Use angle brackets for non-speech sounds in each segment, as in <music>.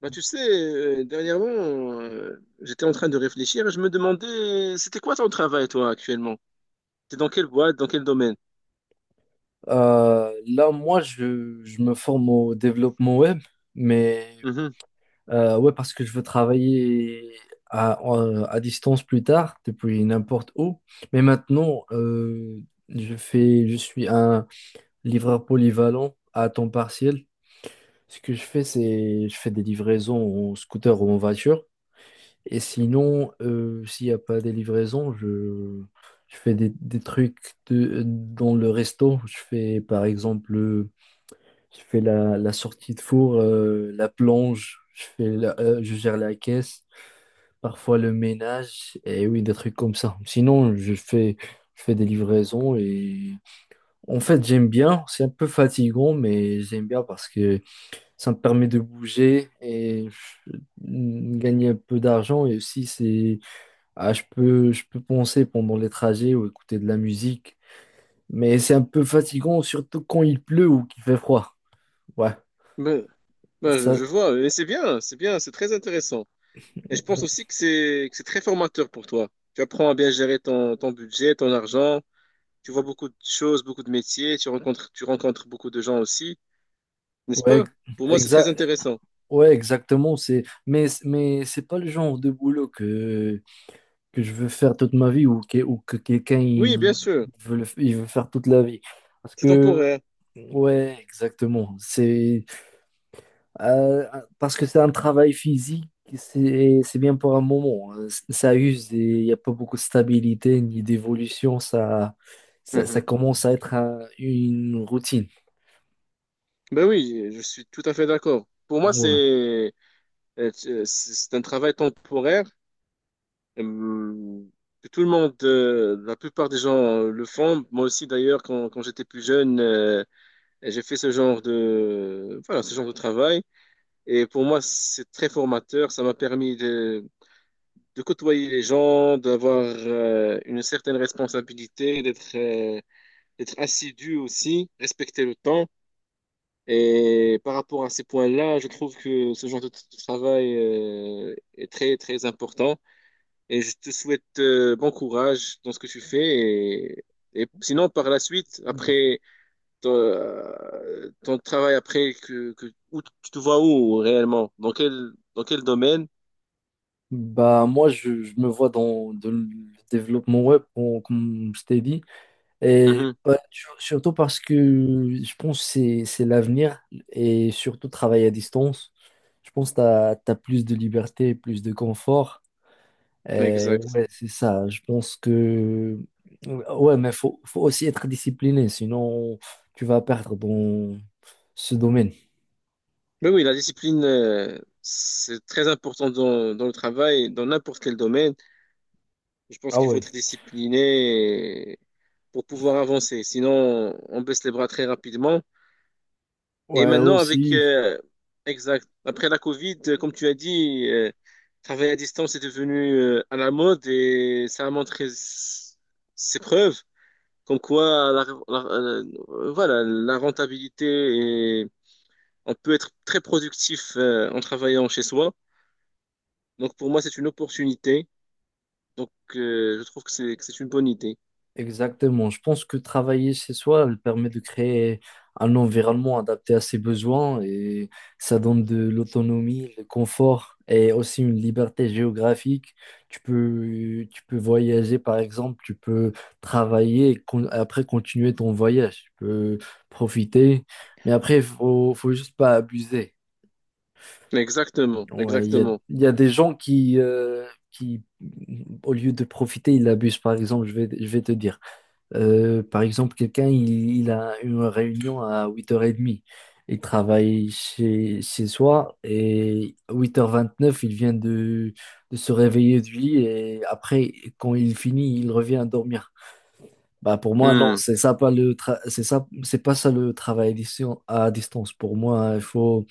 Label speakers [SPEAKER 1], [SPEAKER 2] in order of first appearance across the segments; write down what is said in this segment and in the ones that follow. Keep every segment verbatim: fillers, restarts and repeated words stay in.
[SPEAKER 1] Bah, tu sais, euh, dernièrement, euh, j'étais en train de réfléchir et je me demandais, c'était quoi ton travail, toi, actuellement? T'es dans quelle boîte, dans quel domaine?
[SPEAKER 2] Euh, là, moi, je, je me forme au développement web, mais
[SPEAKER 1] Mhm.
[SPEAKER 2] euh, ouais, parce que je veux travailler à, en- à distance plus tard, depuis n'importe où. Mais maintenant, euh, je fais, je suis un livreur polyvalent à temps partiel. Ce que je fais, c'est je fais des livraisons en scooter ou en voiture. Et sinon, euh, s'il n'y a pas des livraisons, je, je fais des, des trucs de- dans le resto. Je fais par exemple je fais la, la sortie de four, euh, la plonge, je fais la- euh, je gère la caisse, parfois le ménage, et oui, des trucs comme ça. Sinon, je fais, je fais des livraisons et en fait, j'aime bien. C'est un peu fatigant, mais j'aime bien parce que ça me permet de bouger et euh, gagner un peu d'argent. Et aussi, c'est, ah, je peux, je peux penser pendant les trajets ou écouter de la musique. Mais c'est un peu fatigant, surtout quand il pleut ou qu'il fait froid. Ouais,
[SPEAKER 1] ben bah, je,
[SPEAKER 2] ça.
[SPEAKER 1] je vois, et c'est bien, c'est bien, c'est très intéressant. Et je pense aussi que c'est que c'est très formateur pour toi. Tu apprends à bien gérer ton, ton budget, ton argent, tu vois beaucoup de choses, beaucoup de métiers, tu rencontres, tu rencontres beaucoup de gens aussi, n'est-ce
[SPEAKER 2] Ouais,
[SPEAKER 1] pas? Pour moi, c'est très
[SPEAKER 2] exa-
[SPEAKER 1] intéressant.
[SPEAKER 2] ouais, exactement. C'est, mais, mais c'est pas le genre de boulot que, que je veux faire toute ma vie ou que, ou que quelqu'un
[SPEAKER 1] Oui, bien
[SPEAKER 2] il
[SPEAKER 1] sûr,
[SPEAKER 2] veut, le f- il veut faire toute la vie. Parce
[SPEAKER 1] c'est
[SPEAKER 2] que,
[SPEAKER 1] temporaire.
[SPEAKER 2] ouais, exactement. C'est, euh, parce que c'est un travail physique, c'est, c'est bien pour un moment. Ça use et il n'y a pas beaucoup de stabilité ni d'évolution. Ça, ça, ça
[SPEAKER 1] Mhm.
[SPEAKER 2] commence à être un- une routine.
[SPEAKER 1] Ben oui, je suis tout à fait d'accord. Pour moi,
[SPEAKER 2] Ouais.
[SPEAKER 1] c'est Euh, tu- C'est c'est un travail temporaire euh, que tout le monde, euh, la plupart des gens euh, le font. Moi aussi, d'ailleurs, quand, quand j'étais plus jeune, euh, j'ai fait ce genre de, voilà, ce genre de travail. Et pour moi, c'est très formateur. Ça m'a permis de, de côtoyer les gens, d'avoir euh, une certaine responsabilité, d'être euh, d'être assidu aussi, respecter le temps. Et par rapport à ces points-là, je trouve que ce genre de, t- de travail euh, est très, très important. Et je te souhaite euh, bon courage dans ce que tu fais. Et, et sinon, par la suite, après ton, euh, ton travail, après, que, que, où, tu te vois où réellement? Dans quel, dans quel domaine?
[SPEAKER 2] Bah, moi, je, je me vois dans de- le développement web, on- comme je t'ai dit, et
[SPEAKER 1] Mhm.
[SPEAKER 2] bah, sur- surtout parce que je pense que c'est c'est l'avenir, et surtout travailler à distance. Je pense que tu as, plus de liberté, plus de confort. Et
[SPEAKER 1] Exact.
[SPEAKER 2] ouais, c'est ça. Je pense que... Ouais, mais faut, faut aussi être discipliné, sinon tu vas perdre dans ce domaine.
[SPEAKER 1] Mais oui, la discipline, euh, c'est très important dans, dans le travail, dans n'importe quel domaine. Je pense
[SPEAKER 2] Ah
[SPEAKER 1] qu'il faut
[SPEAKER 2] ouais.
[SPEAKER 1] être discipliné pour pouvoir avancer. Sinon, on baisse les bras très rapidement. Et
[SPEAKER 2] Ouais,
[SPEAKER 1] maintenant, avec,
[SPEAKER 2] aussi.
[SPEAKER 1] euh, exact, après la Covid, euh, comme tu as dit, euh, travailler à distance est devenu euh, à la mode et ça a montré s- ses preuves, comme quoi la, la- euh, voilà, la rentabilité et on peut être très productif euh, en travaillant chez soi. Donc pour moi, c'est une opportunité. Donc euh, je trouve que c'est que c'est une bonne idée.
[SPEAKER 2] Exactement. Je pense que travailler chez soi, elle permet de créer un environnement adapté à ses besoins et ça donne de l'autonomie, le confort et aussi une liberté géographique. Tu peux, tu peux voyager, par exemple, tu peux travailler et con- après continuer ton voyage. Tu peux profiter, mais après, il faut, faut juste pas abuser.
[SPEAKER 1] Exactement,
[SPEAKER 2] Ouais, il y a,
[SPEAKER 1] exactement.
[SPEAKER 2] il y a des gens qui, euh, qui, au lieu de profiter, ils abusent. Par exemple, je vais, je vais te dire. Euh, par exemple, quelqu'un, il, il a une réunion à huit heures trente. Il travaille chez, chez soi et à huit heures vingt-neuf il vient de, de se réveiller du lit et après, quand il finit, il revient dormir. Bah, pour moi, non,
[SPEAKER 1] Hmm.
[SPEAKER 2] c'est ça pas le tra- c'est ça, c'est pas ça le travail à distan- à distance. Pour moi, il faut,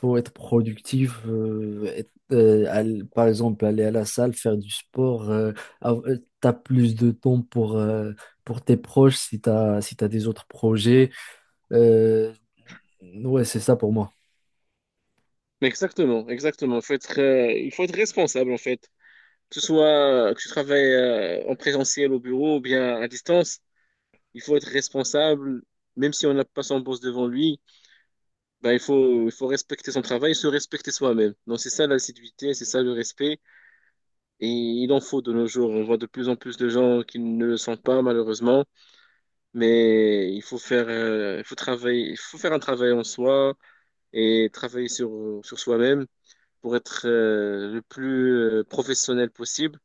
[SPEAKER 2] faut être productif, euh, être, euh, aller- par exemple aller à la salle, faire du sport. Euh, av- euh, t'as plus de temps pour, euh, pour tes proches si t'as, si t'as des autres projets. Euh, ouais, c'est ça pour moi.
[SPEAKER 1] Exactement, exactement. Faut être, euh, il faut être responsable en fait. Que ce soit que tu travailles euh, en présentiel au bureau ou bien à distance, il faut être responsable. Même si on n'a pas son boss devant lui, ben il faut, il faut respecter son travail, et se respecter soi-même. Donc c'est ça l'assiduité, c'est ça le respect. Et il en faut de nos jours. On voit de plus en plus de gens qui ne le sont pas malheureusement. Mais il faut faire, euh, il faut travailler, il faut faire un travail en soi et travailler sur, sur soi-même pour être euh, le plus euh, professionnel possible.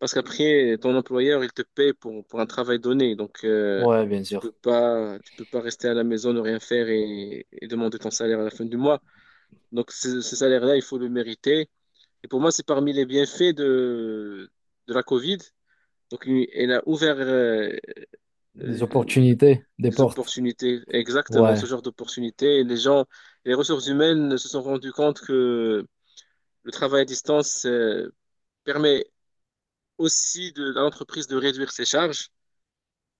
[SPEAKER 1] Parce qu'après, ton employeur, il te paye pour, pour un travail donné. Donc, euh,
[SPEAKER 2] Ouais, bien
[SPEAKER 1] tu
[SPEAKER 2] sûr.
[SPEAKER 1] peux pas, tu peux pas rester à la maison, ne rien faire et, et demander ton salaire à la fin du mois. Donc, ce, ce salaire-là, il faut le mériter. Et pour moi, c'est parmi les bienfaits de, de la Covid. Donc, il- elle a ouvert euh,
[SPEAKER 2] Des opportunités, des
[SPEAKER 1] les
[SPEAKER 2] portes.
[SPEAKER 1] opportunités, exactement
[SPEAKER 2] Ouais,
[SPEAKER 1] ce genre d'opportunités. Et les gens, les ressources humaines se sont rendues compte que le travail à distance euh, permet aussi de, à l'entreprise de réduire ses charges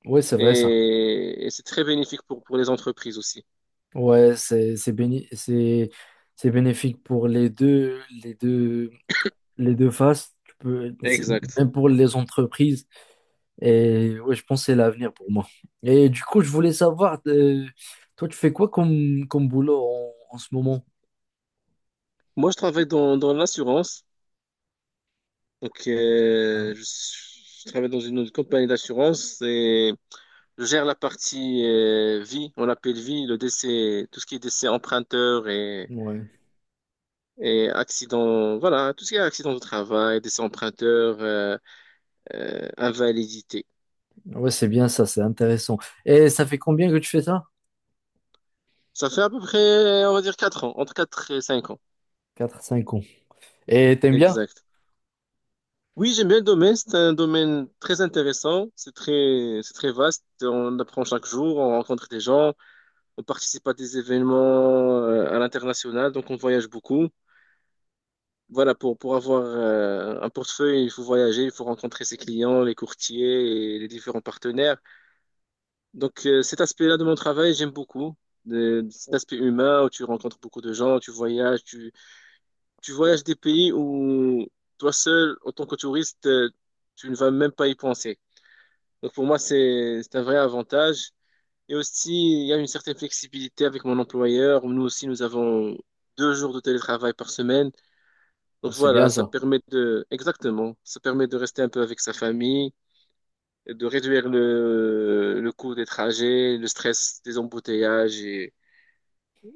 [SPEAKER 2] ouais, c'est vrai ça.
[SPEAKER 1] et, et c'est très bénéfique pour, pour les entreprises aussi.
[SPEAKER 2] Ouais, c'est c'est béni- c'est c'est bénéfique pour les deux les deux les deux faces. Tu peux c'est-
[SPEAKER 1] Exact.
[SPEAKER 2] même pour les entreprises. Et ouais, je pense que c'est l'avenir pour moi. Et du coup, je voulais savoir, euh, toi, tu fais quoi comme, comme boulot en, en ce moment?
[SPEAKER 1] Moi, je travaille dans, dans l'assurance. Donc,
[SPEAKER 2] Ah,
[SPEAKER 1] euh, je, je travaille dans une, une compagnie d'assurance et je gère la partie euh, vie, on l'appelle vie, le décès, tout ce qui est décès emprunteur et,
[SPEAKER 2] ouais,
[SPEAKER 1] et accident, voilà, tout ce qui est accident de travail, décès emprunteur, euh, euh, invalidité.
[SPEAKER 2] ouais, c'est bien ça, c'est intéressant. Et ça fait combien que tu fais ça?
[SPEAKER 1] Ça fait à peu près, on va dire, quatre ans, entre quatre et cinq ans.
[SPEAKER 2] Quatre cinq ans. Et t'aimes bien?
[SPEAKER 1] Exact. Oui, j'aime bien le domaine. C'est un domaine très intéressant. C'est très, c'est très vaste. On apprend chaque jour, on rencontre des gens, on participe à des événements euh, à l'international, donc on voyage beaucoup. Voilà, pour, pour avoir euh, un portefeuille, il faut voyager, il faut rencontrer ses clients, les courtiers et les différents partenaires. Donc, euh, cet aspect-là de mon travail, j'aime beaucoup. De- cet aspect humain où tu rencontres beaucoup de gens, tu voyages, tu, tu voyages des pays où toi seul, en tant que touriste, euh, tu ne vas même pas y penser. Donc pour moi, c'est c'est un vrai avantage. Et aussi, il y a une certaine flexibilité avec mon employeur. Nous aussi, nous avons deux jours de télétravail par semaine.
[SPEAKER 2] Ouais,
[SPEAKER 1] Donc
[SPEAKER 2] c'est
[SPEAKER 1] voilà,
[SPEAKER 2] bien
[SPEAKER 1] ça
[SPEAKER 2] ça.
[SPEAKER 1] permet de, exactement, ça permet de rester un peu avec sa famille, et de réduire le, le coût des trajets, le stress des embouteillages et,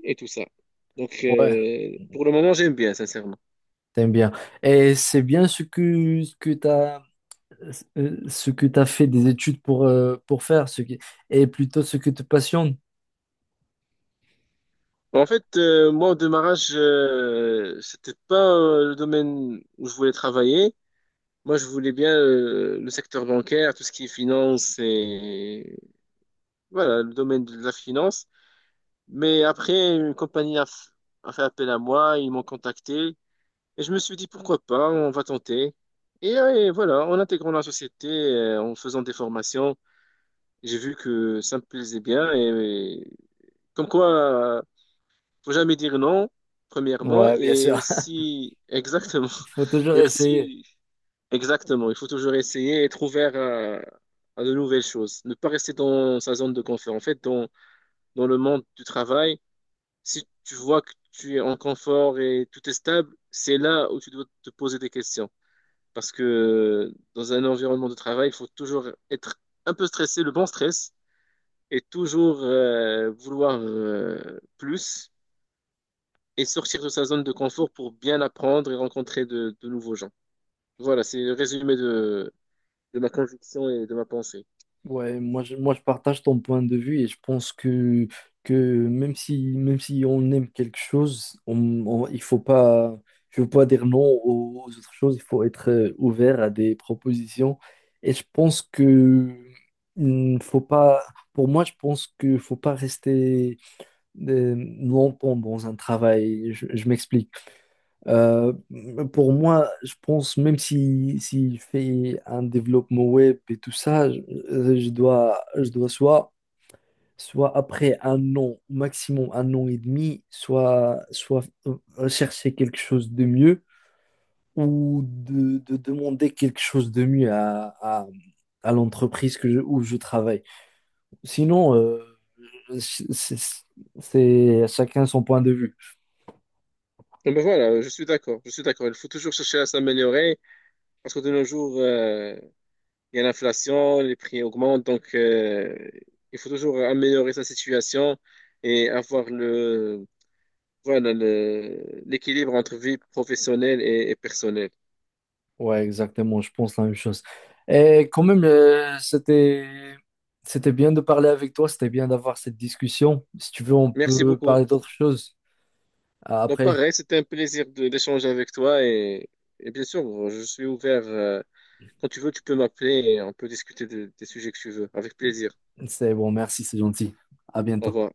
[SPEAKER 1] et tout ça. Donc
[SPEAKER 2] Ouais,
[SPEAKER 1] euh, pour le moment, j'aime bien, sincèrement.
[SPEAKER 2] t'aimes bien. Et c'est bien ce que, ce que t'as, euh, ce que t'as fait des études pour, euh, pour faire, ce qui, et plutôt ce que te passionne.
[SPEAKER 1] En fait, euh, moi, au démarrage, euh, c'était pas euh, le domaine où je voulais travailler. Moi, je voulais bien euh, le secteur bancaire, tout ce qui est finance et voilà, le domaine de la finance. Mais après, une compagnie a, f- a fait appel à moi, ils m'ont contacté et je me suis dit pourquoi pas, on va tenter. Et, euh, et voilà, en intégrant la société, euh, en faisant des formations, j'ai vu que ça me plaisait bien et, et comme quoi, euh, faut jamais dire non, premièrement,
[SPEAKER 2] Ouais, bien
[SPEAKER 1] et
[SPEAKER 2] sûr.
[SPEAKER 1] aussi <laughs> exactement,
[SPEAKER 2] <laughs> Faut toujours
[SPEAKER 1] et
[SPEAKER 2] essayer.
[SPEAKER 1] aussi exactement, il faut toujours essayer et être ouvert à, à de nouvelles choses. Ne pas rester dans sa zone de confort. En fait, dans, dans le monde du travail, si tu vois que tu es en confort et tout est stable, c'est là où tu dois te poser des questions. Parce que dans un environnement de travail, il faut toujours être un peu stressé, le bon stress, et toujours euh, vouloir euh, plus et sortir de sa zone de confort pour bien apprendre et rencontrer de, de nouveaux gens. Voilà, c'est le résumé de, de ma conviction et de ma pensée.
[SPEAKER 2] Ouais, moi je, moi je partage ton point de vue et je pense que, que même si, même si on aime quelque chose, on, on- il faut pas, je veux pas dire non aux, aux autres choses, il faut être euh, ouvert à des propositions. Et je pense que hum, faut pas, pour moi, je pense que faut pas rester euh, longtemps dans un travail. Je, je m'explique. Euh, pour moi, je pense, même si, s'il fait un développement web et tout ça, je, euh, je dois, je dois soit, soit après un an, maximum un an et demi, soit, soit euh, chercher quelque chose de mieux ou de, de demander quelque chose de mieux à, à, à l'entreprise que je- où je travaille. Sinon, euh, c'est c'est- c'est chacun son point de vue.
[SPEAKER 1] Bon, ben voilà, je suis d'accord, je suis d'accord. Il faut toujours chercher à s'améliorer parce que de nos jours, euh, il y a l'inflation, les prix augmentent, donc euh, il faut toujours améliorer sa situation et avoir le, voilà, le, l'équilibre entre vie professionnelle et, et personnelle.
[SPEAKER 2] Ouais, exactement, je pense la même chose. Et quand même, euh, c'était c'était bien de parler avec toi, c'était bien d'avoir cette discussion. Si tu veux, on
[SPEAKER 1] Merci
[SPEAKER 2] peut
[SPEAKER 1] beaucoup.
[SPEAKER 2] parler d'autres choses euh,
[SPEAKER 1] Donc
[SPEAKER 2] après.
[SPEAKER 1] pareil, c'était un plaisir de- d'échanger avec toi et, et bien sûr, je suis ouvert. Euh, quand tu veux, tu peux m'appeler et on peut discuter de- des sujets que tu veux. Avec plaisir.
[SPEAKER 2] C'est bon, merci, c'est gentil. À
[SPEAKER 1] Au
[SPEAKER 2] bientôt.
[SPEAKER 1] revoir.